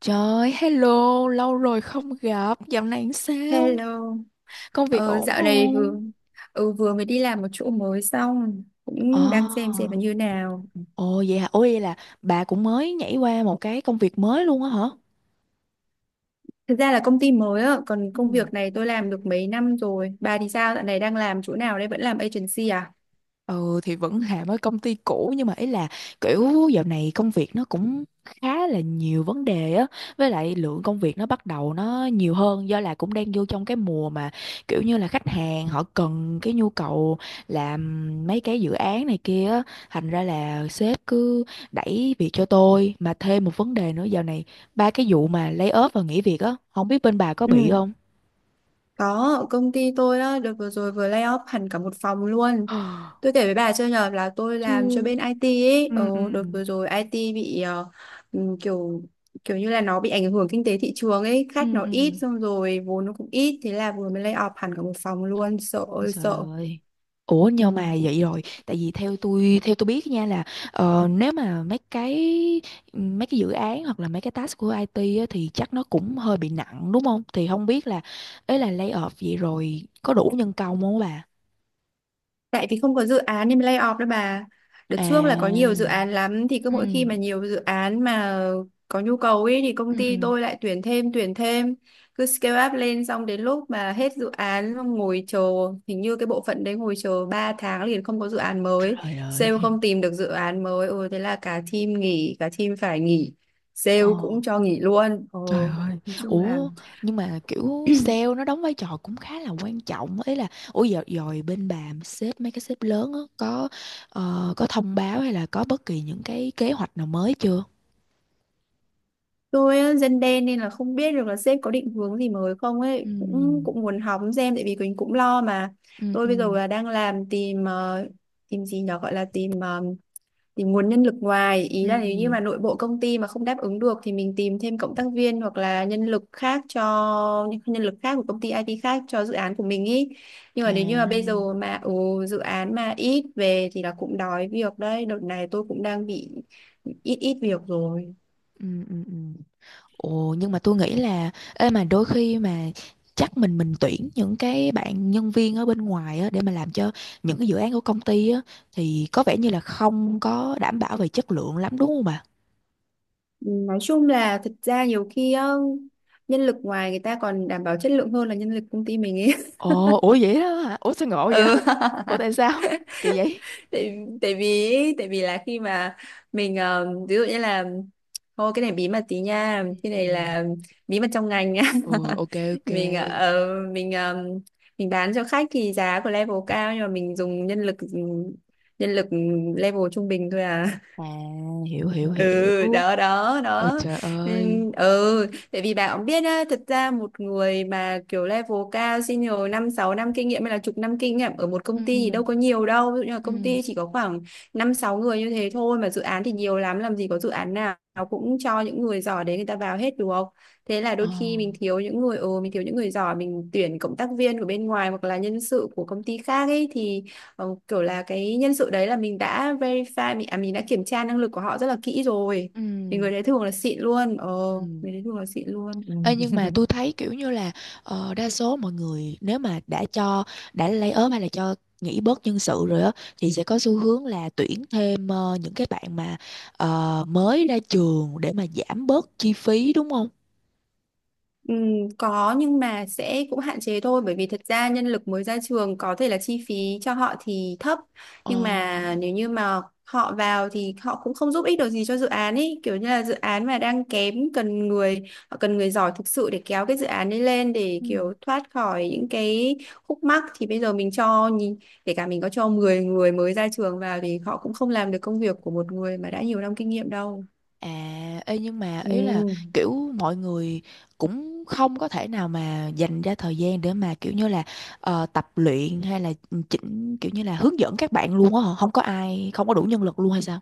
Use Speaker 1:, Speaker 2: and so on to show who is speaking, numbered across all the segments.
Speaker 1: Trời, hello, lâu rồi không gặp, dạo này làm sao?
Speaker 2: Hello.
Speaker 1: Công việc ổn
Speaker 2: Dạo này
Speaker 1: không?
Speaker 2: vừa vừa mới đi làm một chỗ mới xong
Speaker 1: Ờ,
Speaker 2: cũng đang xem là như nào.
Speaker 1: Ồ vậy hả? Ồ vậy là bà cũng mới nhảy qua một cái công việc mới luôn á hả?
Speaker 2: Thực ra là công ty mới á, còn
Speaker 1: Ừ.
Speaker 2: công việc này tôi làm được mấy năm rồi. Bà thì sao? Dạo này đang làm chỗ nào đây? Vẫn làm agency à?
Speaker 1: Ừ thì vẫn làm ở công ty cũ nhưng mà ý là kiểu dạo này công việc nó cũng khá là nhiều vấn đề á, với lại lượng công việc nó bắt đầu nó nhiều hơn do là cũng đang vô trong cái mùa mà kiểu như là khách hàng họ cần cái nhu cầu làm mấy cái dự án này kia á, thành ra là sếp cứ đẩy việc cho tôi. Mà thêm một vấn đề nữa dạo này, ba cái vụ mà lay off và nghỉ việc á, không biết bên bà có bị
Speaker 2: Ừ.
Speaker 1: không?
Speaker 2: Có, ở công ty tôi á, đợt vừa rồi vừa lay off hẳn cả một phòng luôn. Tôi kể với bà chưa nhờ là tôi làm cho
Speaker 1: Ừ.
Speaker 2: bên IT ấy. Ờ,
Speaker 1: Ừ,
Speaker 2: Đợt vừa rồi IT bị kiểu kiểu như là nó bị ảnh hưởng kinh tế thị trường ấy.
Speaker 1: ừ,
Speaker 2: Khách nó
Speaker 1: ừ.
Speaker 2: ít
Speaker 1: Ừ.
Speaker 2: xong rồi vốn nó cũng ít. Thế là vừa mới lay off hẳn cả một phòng luôn. Sợ
Speaker 1: Ôi
Speaker 2: ơi
Speaker 1: Trời
Speaker 2: sợ.
Speaker 1: ơi. Ủa nhưng mà
Speaker 2: Ừ.
Speaker 1: vậy rồi, tại vì theo tôi biết nha là nếu mà mấy cái dự án hoặc là mấy cái task của IT á, thì chắc nó cũng hơi bị nặng đúng không? Thì không biết là ấy, là lay off vậy rồi có đủ nhân công không bà?
Speaker 2: Tại vì không có dự án nên mới lay off đó bà. Đợt trước là có nhiều dự
Speaker 1: À.
Speaker 2: án lắm, thì cứ
Speaker 1: Ừ.
Speaker 2: mỗi khi mà nhiều dự án mà có nhu cầu ấy thì
Speaker 1: Ừ
Speaker 2: công ty
Speaker 1: ừ.
Speaker 2: tôi lại tuyển thêm tuyển thêm, cứ scale up lên xong đến lúc mà hết dự án xong ngồi chờ, hình như cái bộ phận đấy ngồi chờ 3 tháng liền không có dự án mới,
Speaker 1: Trời
Speaker 2: sale
Speaker 1: ơi.
Speaker 2: không tìm được dự án mới, ừ thế là cả team nghỉ, cả team phải nghỉ, sale
Speaker 1: Ờ.
Speaker 2: cũng cho nghỉ luôn.
Speaker 1: Trời
Speaker 2: Ồ,
Speaker 1: ơi,
Speaker 2: nói chung là
Speaker 1: ủa nhưng mà kiểu sale nó đóng vai trò cũng khá là quan trọng ấy, là ủa giờ rồi bên bà sếp mấy cái sếp lớn á có có thông báo hay là có bất kỳ những cái kế hoạch nào mới chưa?
Speaker 2: tôi á, dân đen nên là không biết được là sếp có định hướng gì mới không ấy,
Speaker 1: Ừ,
Speaker 2: cũng cũng muốn hóng xem tại vì mình cũng lo mà.
Speaker 1: ừ,
Speaker 2: Tôi bây giờ
Speaker 1: ừ,
Speaker 2: là đang làm tìm tìm gì nhở, gọi là tìm tìm nguồn nhân lực ngoài, ý
Speaker 1: ừ,
Speaker 2: là nếu như mà nội bộ công ty mà không đáp ứng được thì mình tìm thêm cộng tác viên hoặc là nhân lực khác cho những nhân lực khác của công ty IT khác cho dự án của mình, ý nhưng mà
Speaker 1: à,
Speaker 2: nếu như mà bây giờ mà dự án mà ít về thì là cũng đói việc đấy. Đợt này tôi cũng đang bị ít ít việc rồi.
Speaker 1: ừ, ừ, ừ. Ồ nhưng mà tôi nghĩ là ê, mà đôi khi mà chắc mình tuyển những cái bạn nhân viên ở bên ngoài á để mà làm cho những cái dự án của công ty á, thì có vẻ như là không có đảm bảo về chất lượng lắm đúng không bà?
Speaker 2: Nói chung là thật ra nhiều khi á, nhân lực ngoài người ta còn đảm bảo chất lượng hơn là nhân lực công ty mình ấy.
Speaker 1: Ồ, ủa vậy đó hả? Ủa sao ngộ vậy?
Speaker 2: Ừ.
Speaker 1: Ủa tại sao? Kỳ vậy?
Speaker 2: Tại vì ấy, tại vì là khi mà mình ví dụ như là thôi, cái này bí mật tí nha,
Speaker 1: Ừ.
Speaker 2: cái
Speaker 1: Ừ.
Speaker 2: này là bí mật trong ngành nha.
Speaker 1: Ừ, ok ok.
Speaker 2: Mình ờ, ờ, mình bán cho khách thì giá của level cao nhưng mà mình dùng nhân lực level trung bình thôi à.
Speaker 1: À, hiểu hiểu hiểu.
Speaker 2: Ừ, đó đó
Speaker 1: Ôi
Speaker 2: đó.
Speaker 1: trời
Speaker 2: Ừ
Speaker 1: ơi.
Speaker 2: ừ, tại vì bà cũng biết á, thật ra một người mà kiểu level cao senior năm sáu năm kinh nghiệm hay là chục năm kinh nghiệm ở một công ty thì
Speaker 1: Ừ
Speaker 2: đâu có nhiều đâu. Ví dụ như là công
Speaker 1: ừ.
Speaker 2: ty chỉ có khoảng năm sáu người như thế thôi mà dự án thì nhiều lắm, làm gì có dự án nào cũng cho những người giỏi đấy người ta vào hết được không. Thế là
Speaker 1: Ờ.
Speaker 2: đôi khi mình thiếu những người, mình thiếu những người giỏi, mình tuyển cộng tác viên của bên ngoài hoặc là nhân sự của công ty khác ấy, thì kiểu là cái nhân sự đấy là mình đã verify, mình đã kiểm tra năng lực của họ rất là kỹ rồi, thì người
Speaker 1: Ừ
Speaker 2: đấy thường là xịn luôn. Ờ
Speaker 1: ừ.
Speaker 2: Người đấy thường là xịn luôn.
Speaker 1: Ê,
Speaker 2: Ừ.
Speaker 1: nhưng mà tôi thấy kiểu như là đa số mọi người nếu mà đã cho đã lay ốm hay là cho nghỉ bớt nhân sự rồi á, thì sẽ có xu hướng là tuyển thêm, những cái bạn mà mới ra trường để mà giảm bớt chi phí đúng không?
Speaker 2: Có nhưng mà sẽ cũng hạn chế thôi, bởi vì thật ra nhân lực mới ra trường có thể là chi phí cho họ thì thấp,
Speaker 1: Ờ.
Speaker 2: nhưng mà nếu như mà họ vào thì họ cũng không giúp ích được gì cho dự án ấy, kiểu như là dự án mà đang kém cần người, họ cần người giỏi thực sự để kéo cái dự án ấy lên, để
Speaker 1: Ừ.
Speaker 2: kiểu thoát khỏi những cái khúc mắc. Thì bây giờ mình cho nhìn, kể cả mình có cho 10 người mới ra trường vào thì họ cũng không làm được công việc của một người mà đã nhiều năm kinh nghiệm đâu.
Speaker 1: À, ê nhưng mà ý là
Speaker 2: Ừ.
Speaker 1: kiểu mọi người cũng không có thể nào mà dành ra thời gian để mà kiểu như là tập luyện hay là chỉnh kiểu như là hướng dẫn các bạn luôn á hả? Không có ai, không có đủ nhân lực luôn hay sao?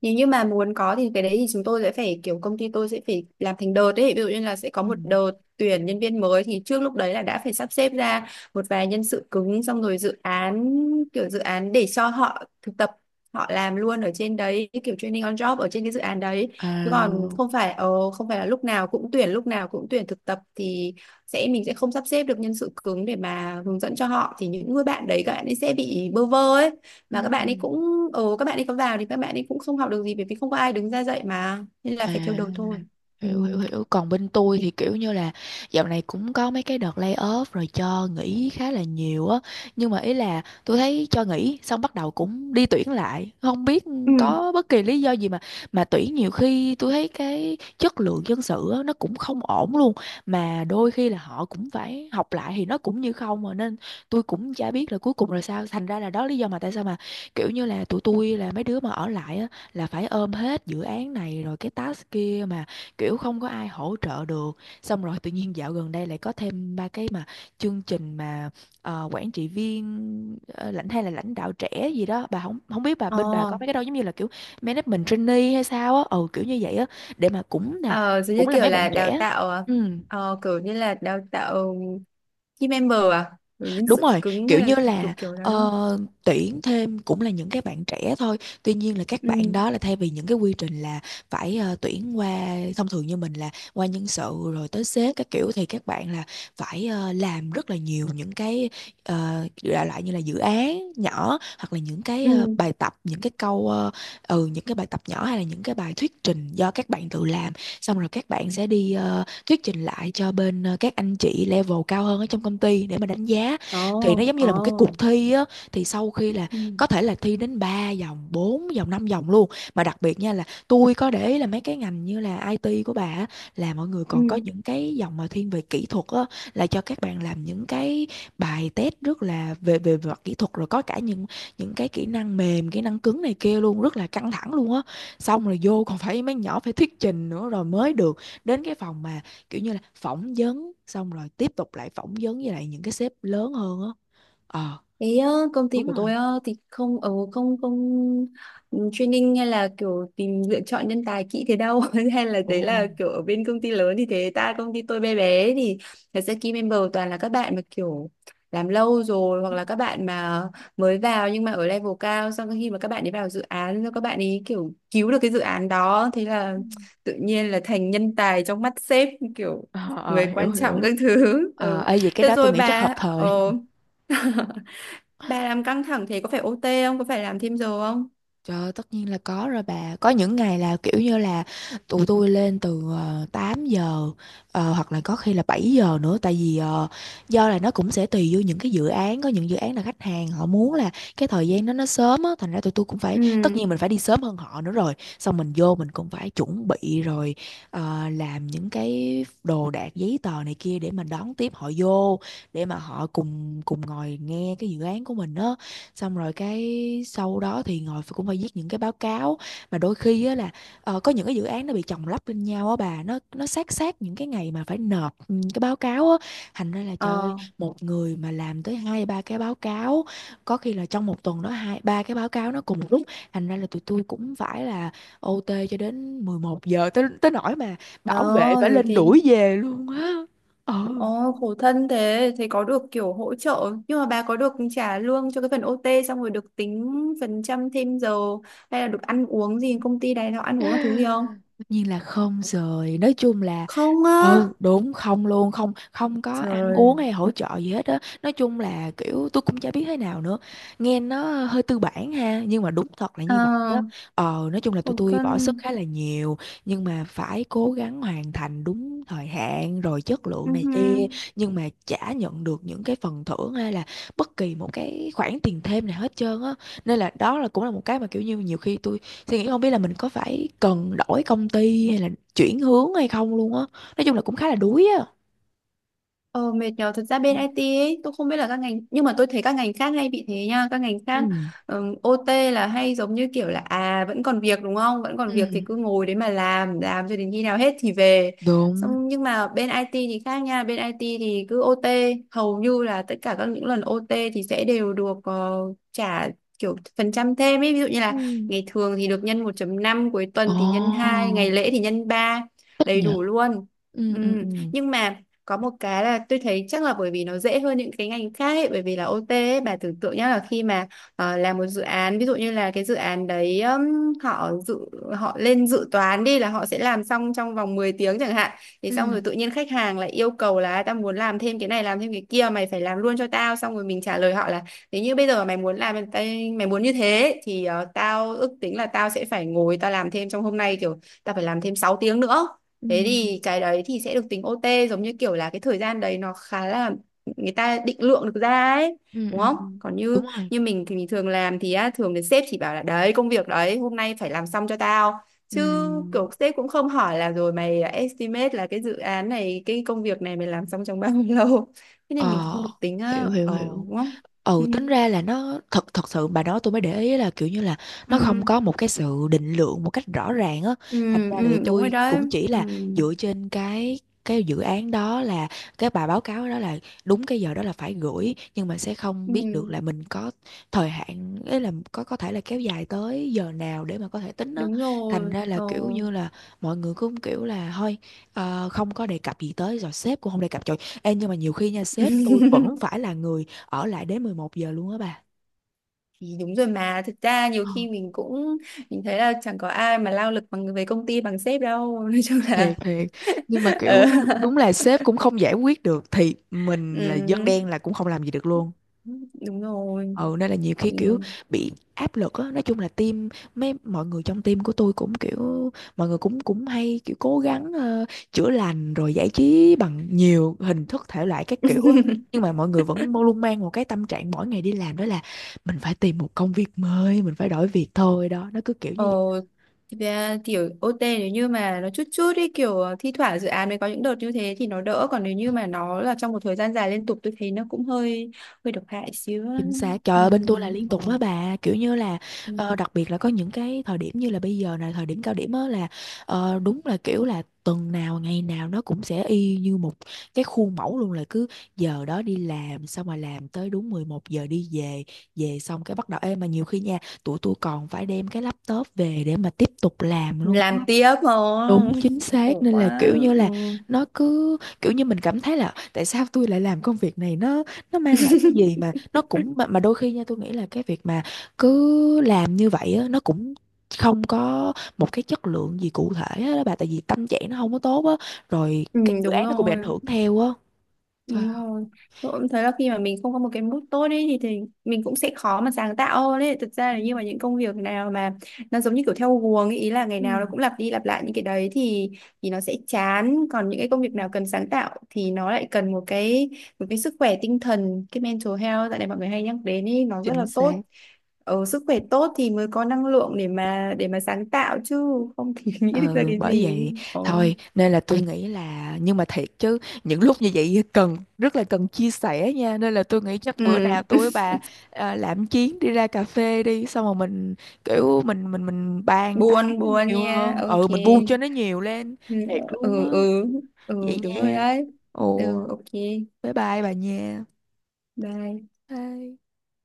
Speaker 2: Nếu như mà muốn có thì cái đấy thì chúng tôi sẽ phải kiểu công ty tôi sẽ phải làm thành đợt ấy, ví dụ như là sẽ có
Speaker 1: Ừ.
Speaker 2: một đợt tuyển nhân viên mới thì trước lúc đấy là đã phải sắp xếp ra một vài nhân sự cứng xong rồi dự án, kiểu dự án để cho họ thực tập, họ làm luôn ở trên đấy, kiểu training on job ở trên cái dự án đấy, chứ
Speaker 1: À,
Speaker 2: còn không phải không phải là lúc nào cũng tuyển, lúc nào cũng tuyển thực tập thì sẽ mình sẽ không sắp xếp được nhân sự cứng để mà hướng dẫn cho họ, thì những người bạn đấy các bạn ấy sẽ bị bơ vơ ấy. Mà các
Speaker 1: Ừ, ừ.
Speaker 2: bạn ấy cũng, ừ, các bạn ấy có vào thì các bạn ấy cũng không học được gì bởi vì không có ai đứng ra dạy mà, nên là phải theo
Speaker 1: À.
Speaker 2: đầu thôi. Ừ.
Speaker 1: Hiểu hiểu hiểu. Còn bên tôi thì kiểu như là dạo này cũng có mấy cái đợt lay off rồi cho nghỉ khá là nhiều á, nhưng mà ý là tôi thấy cho nghỉ xong bắt đầu cũng đi tuyển lại, không biết
Speaker 2: Ừ.
Speaker 1: có bất kỳ lý do gì mà tuyển nhiều khi tôi thấy cái chất lượng nhân sự á, nó cũng không ổn luôn, mà đôi khi là họ cũng phải học lại thì nó cũng như không mà, nên tôi cũng chả biết là cuối cùng là sao. Thành ra là đó lý do mà tại sao mà kiểu như là tụi tôi là mấy đứa mà ở lại á là phải ôm hết dự án này rồi cái task kia mà kiểu không có ai hỗ trợ được. Xong rồi tự nhiên dạo gần đây lại có thêm ba cái mà chương trình mà quản trị viên, lãnh hay là lãnh đạo trẻ gì đó bà, không không biết bà bên bà
Speaker 2: Ờ,
Speaker 1: có mấy cái đâu giống như là kiểu management trainee hay sao á, ừ kiểu như vậy á, để mà
Speaker 2: ờ, giống như
Speaker 1: cũng là
Speaker 2: kiểu
Speaker 1: mấy bạn
Speaker 2: là đào
Speaker 1: trẻ.
Speaker 2: tạo ờ,
Speaker 1: Ừ.
Speaker 2: ờ, kiểu như là đào tạo team member à? Kiểu nhân
Speaker 1: Đúng
Speaker 2: sự
Speaker 1: rồi,
Speaker 2: cứng
Speaker 1: kiểu
Speaker 2: hay là
Speaker 1: như
Speaker 2: kiểu
Speaker 1: là
Speaker 2: kiểu đó đúng không?
Speaker 1: ờ, tuyển thêm cũng là những cái bạn trẻ thôi. Tuy nhiên là các
Speaker 2: Ừ.
Speaker 1: bạn đó là thay vì những cái quy trình là phải tuyển qua thông thường như mình là qua nhân sự rồi tới sếp các kiểu, thì các bạn là phải làm rất là nhiều những cái đại loại như là dự án nhỏ hoặc là những cái
Speaker 2: Ừ.
Speaker 1: bài tập, những cái câu ừ những cái bài tập nhỏ hay là những cái bài thuyết trình do các bạn tự làm. Xong rồi các bạn sẽ đi thuyết trình lại cho bên các anh chị level cao hơn ở trong công ty để mà đánh giá,
Speaker 2: Ồ,
Speaker 1: thì nó giống như
Speaker 2: ồ.
Speaker 1: là một cái cuộc thi á. Thì sau khi là
Speaker 2: Ừ.
Speaker 1: có thể là thi đến 3 vòng 4 vòng 5 vòng luôn. Mà đặc biệt nha là tôi có để ý là mấy cái ngành như là IT của bà á, là mọi người
Speaker 2: Ừ.
Speaker 1: còn có những cái dòng mà thiên về kỹ thuật á, là cho các bạn làm những cái bài test rất là về về mặt kỹ thuật, rồi có cả những cái kỹ năng mềm kỹ năng cứng này kia luôn, rất là căng thẳng luôn á. Xong rồi vô còn phải mấy nhỏ phải thuyết trình nữa rồi mới được đến cái phòng mà kiểu như là phỏng vấn, xong rồi tiếp tục lại phỏng vấn với lại những cái sếp lớn hơn á. Ờ
Speaker 2: Ý á, công ty
Speaker 1: đúng
Speaker 2: của tôi
Speaker 1: rồi.
Speaker 2: á, thì không, ở không không training hay là kiểu tìm lựa chọn nhân tài kỹ thế đâu, hay là đấy
Speaker 1: Ồ.
Speaker 2: là kiểu ở bên công ty lớn thì thế, ta công ty tôi bé bé thì thật ra key member toàn là các bạn mà kiểu làm lâu rồi hoặc là các bạn mà mới vào nhưng mà ở level cao, xong khi mà các bạn ấy vào dự án rồi các bạn ấy kiểu cứu được cái dự án đó, thế là tự nhiên là thành nhân tài trong mắt sếp, kiểu
Speaker 1: Ờ, ờ,
Speaker 2: người
Speaker 1: hiểu
Speaker 2: quan trọng
Speaker 1: hiểu.
Speaker 2: các thứ.
Speaker 1: Ờ
Speaker 2: Ừ.
Speaker 1: ê vậy cái
Speaker 2: Được
Speaker 1: đó tôi
Speaker 2: rồi
Speaker 1: nghĩ chắc hợp
Speaker 2: bà.
Speaker 1: thời.
Speaker 2: Ờ Bà làm căng thẳng thế có phải OT không? Có phải làm thêm giờ không?
Speaker 1: Trời ơi, tất nhiên là có rồi bà. Có những ngày là kiểu như là tụi tôi lên từ 8 giờ, hoặc là có khi là 7 giờ nữa, tại vì do là nó cũng sẽ tùy vô những cái dự án, có những dự án là khách hàng họ muốn là cái thời gian đó nó sớm á, thành ra tụi tôi cũng phải
Speaker 2: Ừ,
Speaker 1: tất nhiên mình phải đi sớm hơn họ nữa rồi. Xong mình vô mình cũng phải chuẩn bị rồi làm những cái đồ đạc giấy tờ này kia để mà đón tiếp họ vô, để mà họ cùng cùng ngồi nghe cái dự án của mình á, xong rồi cái sau đó thì cũng phải viết những cái báo cáo. Mà đôi khi á là có những cái dự án nó bị chồng lấp lên nhau á bà, nó sát sát những cái ngày mà phải nộp ừ, cái báo cáo á, thành ra là trời ơi,
Speaker 2: ờ,
Speaker 1: một người mà làm tới hai ba cái báo cáo, có khi là trong một tuần đó hai ba cái báo cáo nó cùng một lúc. Thành ra là tụi tôi cũng phải là OT cho đến 11 giờ, tới tới nỗi mà bảo vệ phải
Speaker 2: rồi
Speaker 1: lên
Speaker 2: thì
Speaker 1: đuổi về luôn á. Ừ
Speaker 2: ôi, khổ thân thế. Thì có được kiểu hỗ trợ, nhưng mà bà có được trả lương cho cái phần OT xong rồi được tính phần trăm thêm giờ hay là được ăn uống gì, công ty này nó ăn uống các thứ gì không?
Speaker 1: tất nhiên là không rồi, nói chung là
Speaker 2: Không á.
Speaker 1: ừ đúng không luôn, không không có ăn uống
Speaker 2: Trời,
Speaker 1: hay hỗ trợ gì hết á, nói chung là kiểu tôi cũng chả biết thế nào nữa, nghe nó hơi tư bản ha, nhưng mà đúng thật là
Speaker 2: ờ,
Speaker 1: như vậy á. Ờ nói chung là tụi
Speaker 2: khổ
Speaker 1: tôi
Speaker 2: thân,
Speaker 1: bỏ sức khá là nhiều, nhưng mà phải cố gắng hoàn thành đúng thời hạn rồi chất lượng này
Speaker 2: uh
Speaker 1: kia, nhưng mà chả nhận được những cái phần thưởng hay là bất kỳ một cái khoản tiền thêm nào hết trơn á, nên là đó là cũng là một cái mà kiểu như nhiều khi tôi suy nghĩ không biết là mình có phải cần đổi công ty hay là chuyển hướng hay không luôn á, nói chung là cũng khá là đuối á.
Speaker 2: Ờ, mệt nhờ. Thật ra bên IT ấy, tôi không biết là các ngành, nhưng mà tôi thấy các ngành khác hay bị thế nha, các ngành khác
Speaker 1: Ừ.
Speaker 2: OT là hay giống như kiểu là, à, vẫn còn việc đúng không, vẫn còn việc thì cứ
Speaker 1: Ừ
Speaker 2: ngồi đấy mà làm cho đến khi nào hết thì về
Speaker 1: đúng.
Speaker 2: xong. Nhưng mà bên IT thì khác nha, bên IT thì cứ OT hầu như là tất cả các những lần OT thì sẽ đều được trả kiểu phần trăm thêm ấy, ví dụ như là
Speaker 1: Ừ.
Speaker 2: ngày thường thì được nhân 1,5, cuối tuần thì nhân
Speaker 1: Ồ
Speaker 2: 2, ngày lễ thì nhân 3,
Speaker 1: thích
Speaker 2: đầy
Speaker 1: nhờ.
Speaker 2: đủ luôn.
Speaker 1: Ừ
Speaker 2: Ừ,
Speaker 1: ừ ừ.
Speaker 2: nhưng mà có một cái là tôi thấy chắc là bởi vì nó dễ hơn những cái ngành khác ấy, bởi vì là OT ấy, bà tưởng tượng nhá, là khi mà làm một dự án ví dụ như là cái dự án đấy họ lên dự toán đi, là họ sẽ làm xong trong vòng 10 tiếng chẳng hạn, thì xong rồi
Speaker 1: Ừ.
Speaker 2: tự nhiên khách hàng lại yêu cầu là tao muốn làm thêm cái này làm thêm cái kia mày phải làm luôn cho tao, xong rồi mình trả lời họ là nếu như bây giờ mày muốn như thế thì tao ước tính là tao sẽ phải ngồi tao làm thêm trong hôm nay, kiểu tao phải làm thêm 6 tiếng nữa,
Speaker 1: Ừ.
Speaker 2: thế thì cái đấy thì sẽ được tính OT, giống như kiểu là cái thời gian đấy nó khá là người ta định lượng được ra ấy,
Speaker 1: Ừ.
Speaker 2: đúng
Speaker 1: Ừ.
Speaker 2: không?
Speaker 1: Ừ.
Speaker 2: Còn như
Speaker 1: Đúng rồi.
Speaker 2: như mình thì mình thường làm thì á, thường thì sếp chỉ bảo là đấy công việc đấy hôm nay phải làm xong cho tao, chứ
Speaker 1: Ừ.
Speaker 2: kiểu sếp cũng không hỏi là rồi mày estimate là cái dự án này cái công việc này mày làm xong trong bao nhiêu lâu, thế nên mình
Speaker 1: Ờ
Speaker 2: không được tính
Speaker 1: hiểu
Speaker 2: á,
Speaker 1: hiểu hiểu.
Speaker 2: đúng không? Ừ.
Speaker 1: Ừ tính ra là nó thật thật sự bà nói tôi mới để ý là kiểu như là
Speaker 2: Ừ,
Speaker 1: nó không có một cái sự định lượng một cách rõ ràng á,
Speaker 2: ừ,
Speaker 1: thành ra là
Speaker 2: ừ, đúng rồi
Speaker 1: tôi
Speaker 2: đấy.
Speaker 1: cũng chỉ
Speaker 2: Ừ,
Speaker 1: là dựa trên cái dự án đó là cái bài báo cáo đó là đúng cái giờ đó là phải gửi, nhưng mà sẽ không biết được
Speaker 2: ừ,
Speaker 1: là mình có thời hạn ấy là có thể là kéo dài tới giờ nào để mà có thể tính á,
Speaker 2: đúng
Speaker 1: thành
Speaker 2: rồi.
Speaker 1: ra là
Speaker 2: Ờ,
Speaker 1: kiểu như là mọi người cũng kiểu là thôi không có đề cập gì tới, rồi sếp cũng không đề cập. Trời, ê, nhưng mà nhiều khi nha
Speaker 2: ừ.
Speaker 1: sếp tôi vẫn phải là người ở lại đến 11 giờ luôn á bà.
Speaker 2: Thì đúng rồi, mà thực ra nhiều
Speaker 1: Ờ,
Speaker 2: khi mình cũng, mình thấy là chẳng có ai mà lao lực bằng về công ty bằng sếp đâu. Nói chung
Speaker 1: thiệt
Speaker 2: là
Speaker 1: thiệt nhưng mà kiểu
Speaker 2: ờ,
Speaker 1: đúng là sếp cũng không giải quyết được thì mình là dân
Speaker 2: ừ,
Speaker 1: đen là cũng không làm gì được luôn.
Speaker 2: đúng rồi.
Speaker 1: Ừ nên là nhiều khi kiểu
Speaker 2: Ừ,
Speaker 1: bị áp lực á, nói chung là team mấy mọi người trong team của tôi cũng kiểu mọi người cũng cũng hay kiểu cố gắng chữa lành rồi giải trí bằng nhiều hình thức thể loại các kiểu á, nhưng mà mọi người vẫn luôn mang một cái tâm trạng mỗi ngày đi làm, đó là mình phải tìm một công việc mới, mình phải đổi việc thôi, đó nó cứ kiểu
Speaker 2: ờ
Speaker 1: như vậy.
Speaker 2: thực ra kiểu OT nếu như mà nó chút chút ấy, kiểu thi thoảng dự án mới có những đợt như thế thì nó đỡ, còn nếu như mà nó là trong một thời gian dài liên tục tôi thấy nó cũng hơi hơi độc hại xíu á.
Speaker 1: Chính xác, trời
Speaker 2: Ừ.
Speaker 1: ơi bên tôi là liên
Speaker 2: ờ,
Speaker 1: tục á bà kiểu như là
Speaker 2: ừ.
Speaker 1: đặc biệt là có những cái thời điểm như là bây giờ này, thời điểm cao điểm á là đúng là kiểu là tuần nào ngày nào nó cũng sẽ y như một cái khuôn mẫu luôn là cứ giờ đó đi làm, xong mà làm tới đúng 11 giờ đi về, về xong cái bắt đầu ê mà nhiều khi nha tụi tôi còn phải đem cái laptop về để mà tiếp tục làm luôn.
Speaker 2: Làm tiếp
Speaker 1: Đúng
Speaker 2: không?
Speaker 1: chính xác,
Speaker 2: Khổ
Speaker 1: nên là
Speaker 2: quá.
Speaker 1: kiểu như
Speaker 2: Ừ.
Speaker 1: là nó cứ kiểu như mình cảm thấy là tại sao tôi lại làm công việc này, nó mang lại cái gì mà nó cũng mà đôi khi nha tôi nghĩ là cái việc mà cứ làm như vậy á, nó cũng không có một cái chất lượng gì cụ thể á đó bà, tại vì tâm trạng nó không có tốt á, rồi
Speaker 2: Ừ,
Speaker 1: cái dự
Speaker 2: đúng
Speaker 1: án nó cũng bị ảnh
Speaker 2: rồi.
Speaker 1: hưởng theo á. Trời
Speaker 2: Đúng
Speaker 1: ơi.
Speaker 2: rồi. Tôi cũng thấy là khi mà mình không có một cái mood tốt ấy thì mình cũng sẽ khó mà sáng tạo hơn ấy. Thực ra
Speaker 1: Ừ.
Speaker 2: là như mà những công việc nào mà nó giống như kiểu theo guồng ấy, ý là ngày
Speaker 1: Ừ.
Speaker 2: nào nó cũng lặp đi lặp lại những cái đấy, thì nó sẽ chán. Còn những cái
Speaker 1: Ừ.
Speaker 2: công việc nào cần sáng tạo thì nó lại cần một cái sức khỏe tinh thần, cái mental health tại này mọi người hay nhắc đến ấy, nó rất
Speaker 1: Chính
Speaker 2: là
Speaker 1: xác.
Speaker 2: tốt. Ở sức khỏe tốt thì mới có năng lượng để mà sáng tạo chứ không thì nghĩ được ra
Speaker 1: Ừ,
Speaker 2: cái
Speaker 1: bởi
Speaker 2: gì.
Speaker 1: vậy
Speaker 2: Ồ.
Speaker 1: thôi nên là tôi nghĩ là nhưng mà thiệt chứ những lúc như vậy cần rất là cần chia sẻ nha, nên là tôi nghĩ chắc bữa nào
Speaker 2: Ừ,
Speaker 1: tôi với bà à, làm chuyến đi ra cà phê đi, xong rồi mình kiểu mình bàn tán
Speaker 2: buồn buồn
Speaker 1: nhiều
Speaker 2: nha.
Speaker 1: hơn. Ừ
Speaker 2: Ok.
Speaker 1: mình buông cho nó nhiều lên,
Speaker 2: Ừ,
Speaker 1: thiệt luôn á.
Speaker 2: ừ, ừ, ừ,
Speaker 1: Vậy
Speaker 2: đúng rồi
Speaker 1: nha.
Speaker 2: đấy.
Speaker 1: Ồ
Speaker 2: Ừ, ok,
Speaker 1: bye bye bà nha.
Speaker 2: bye
Speaker 1: Bye.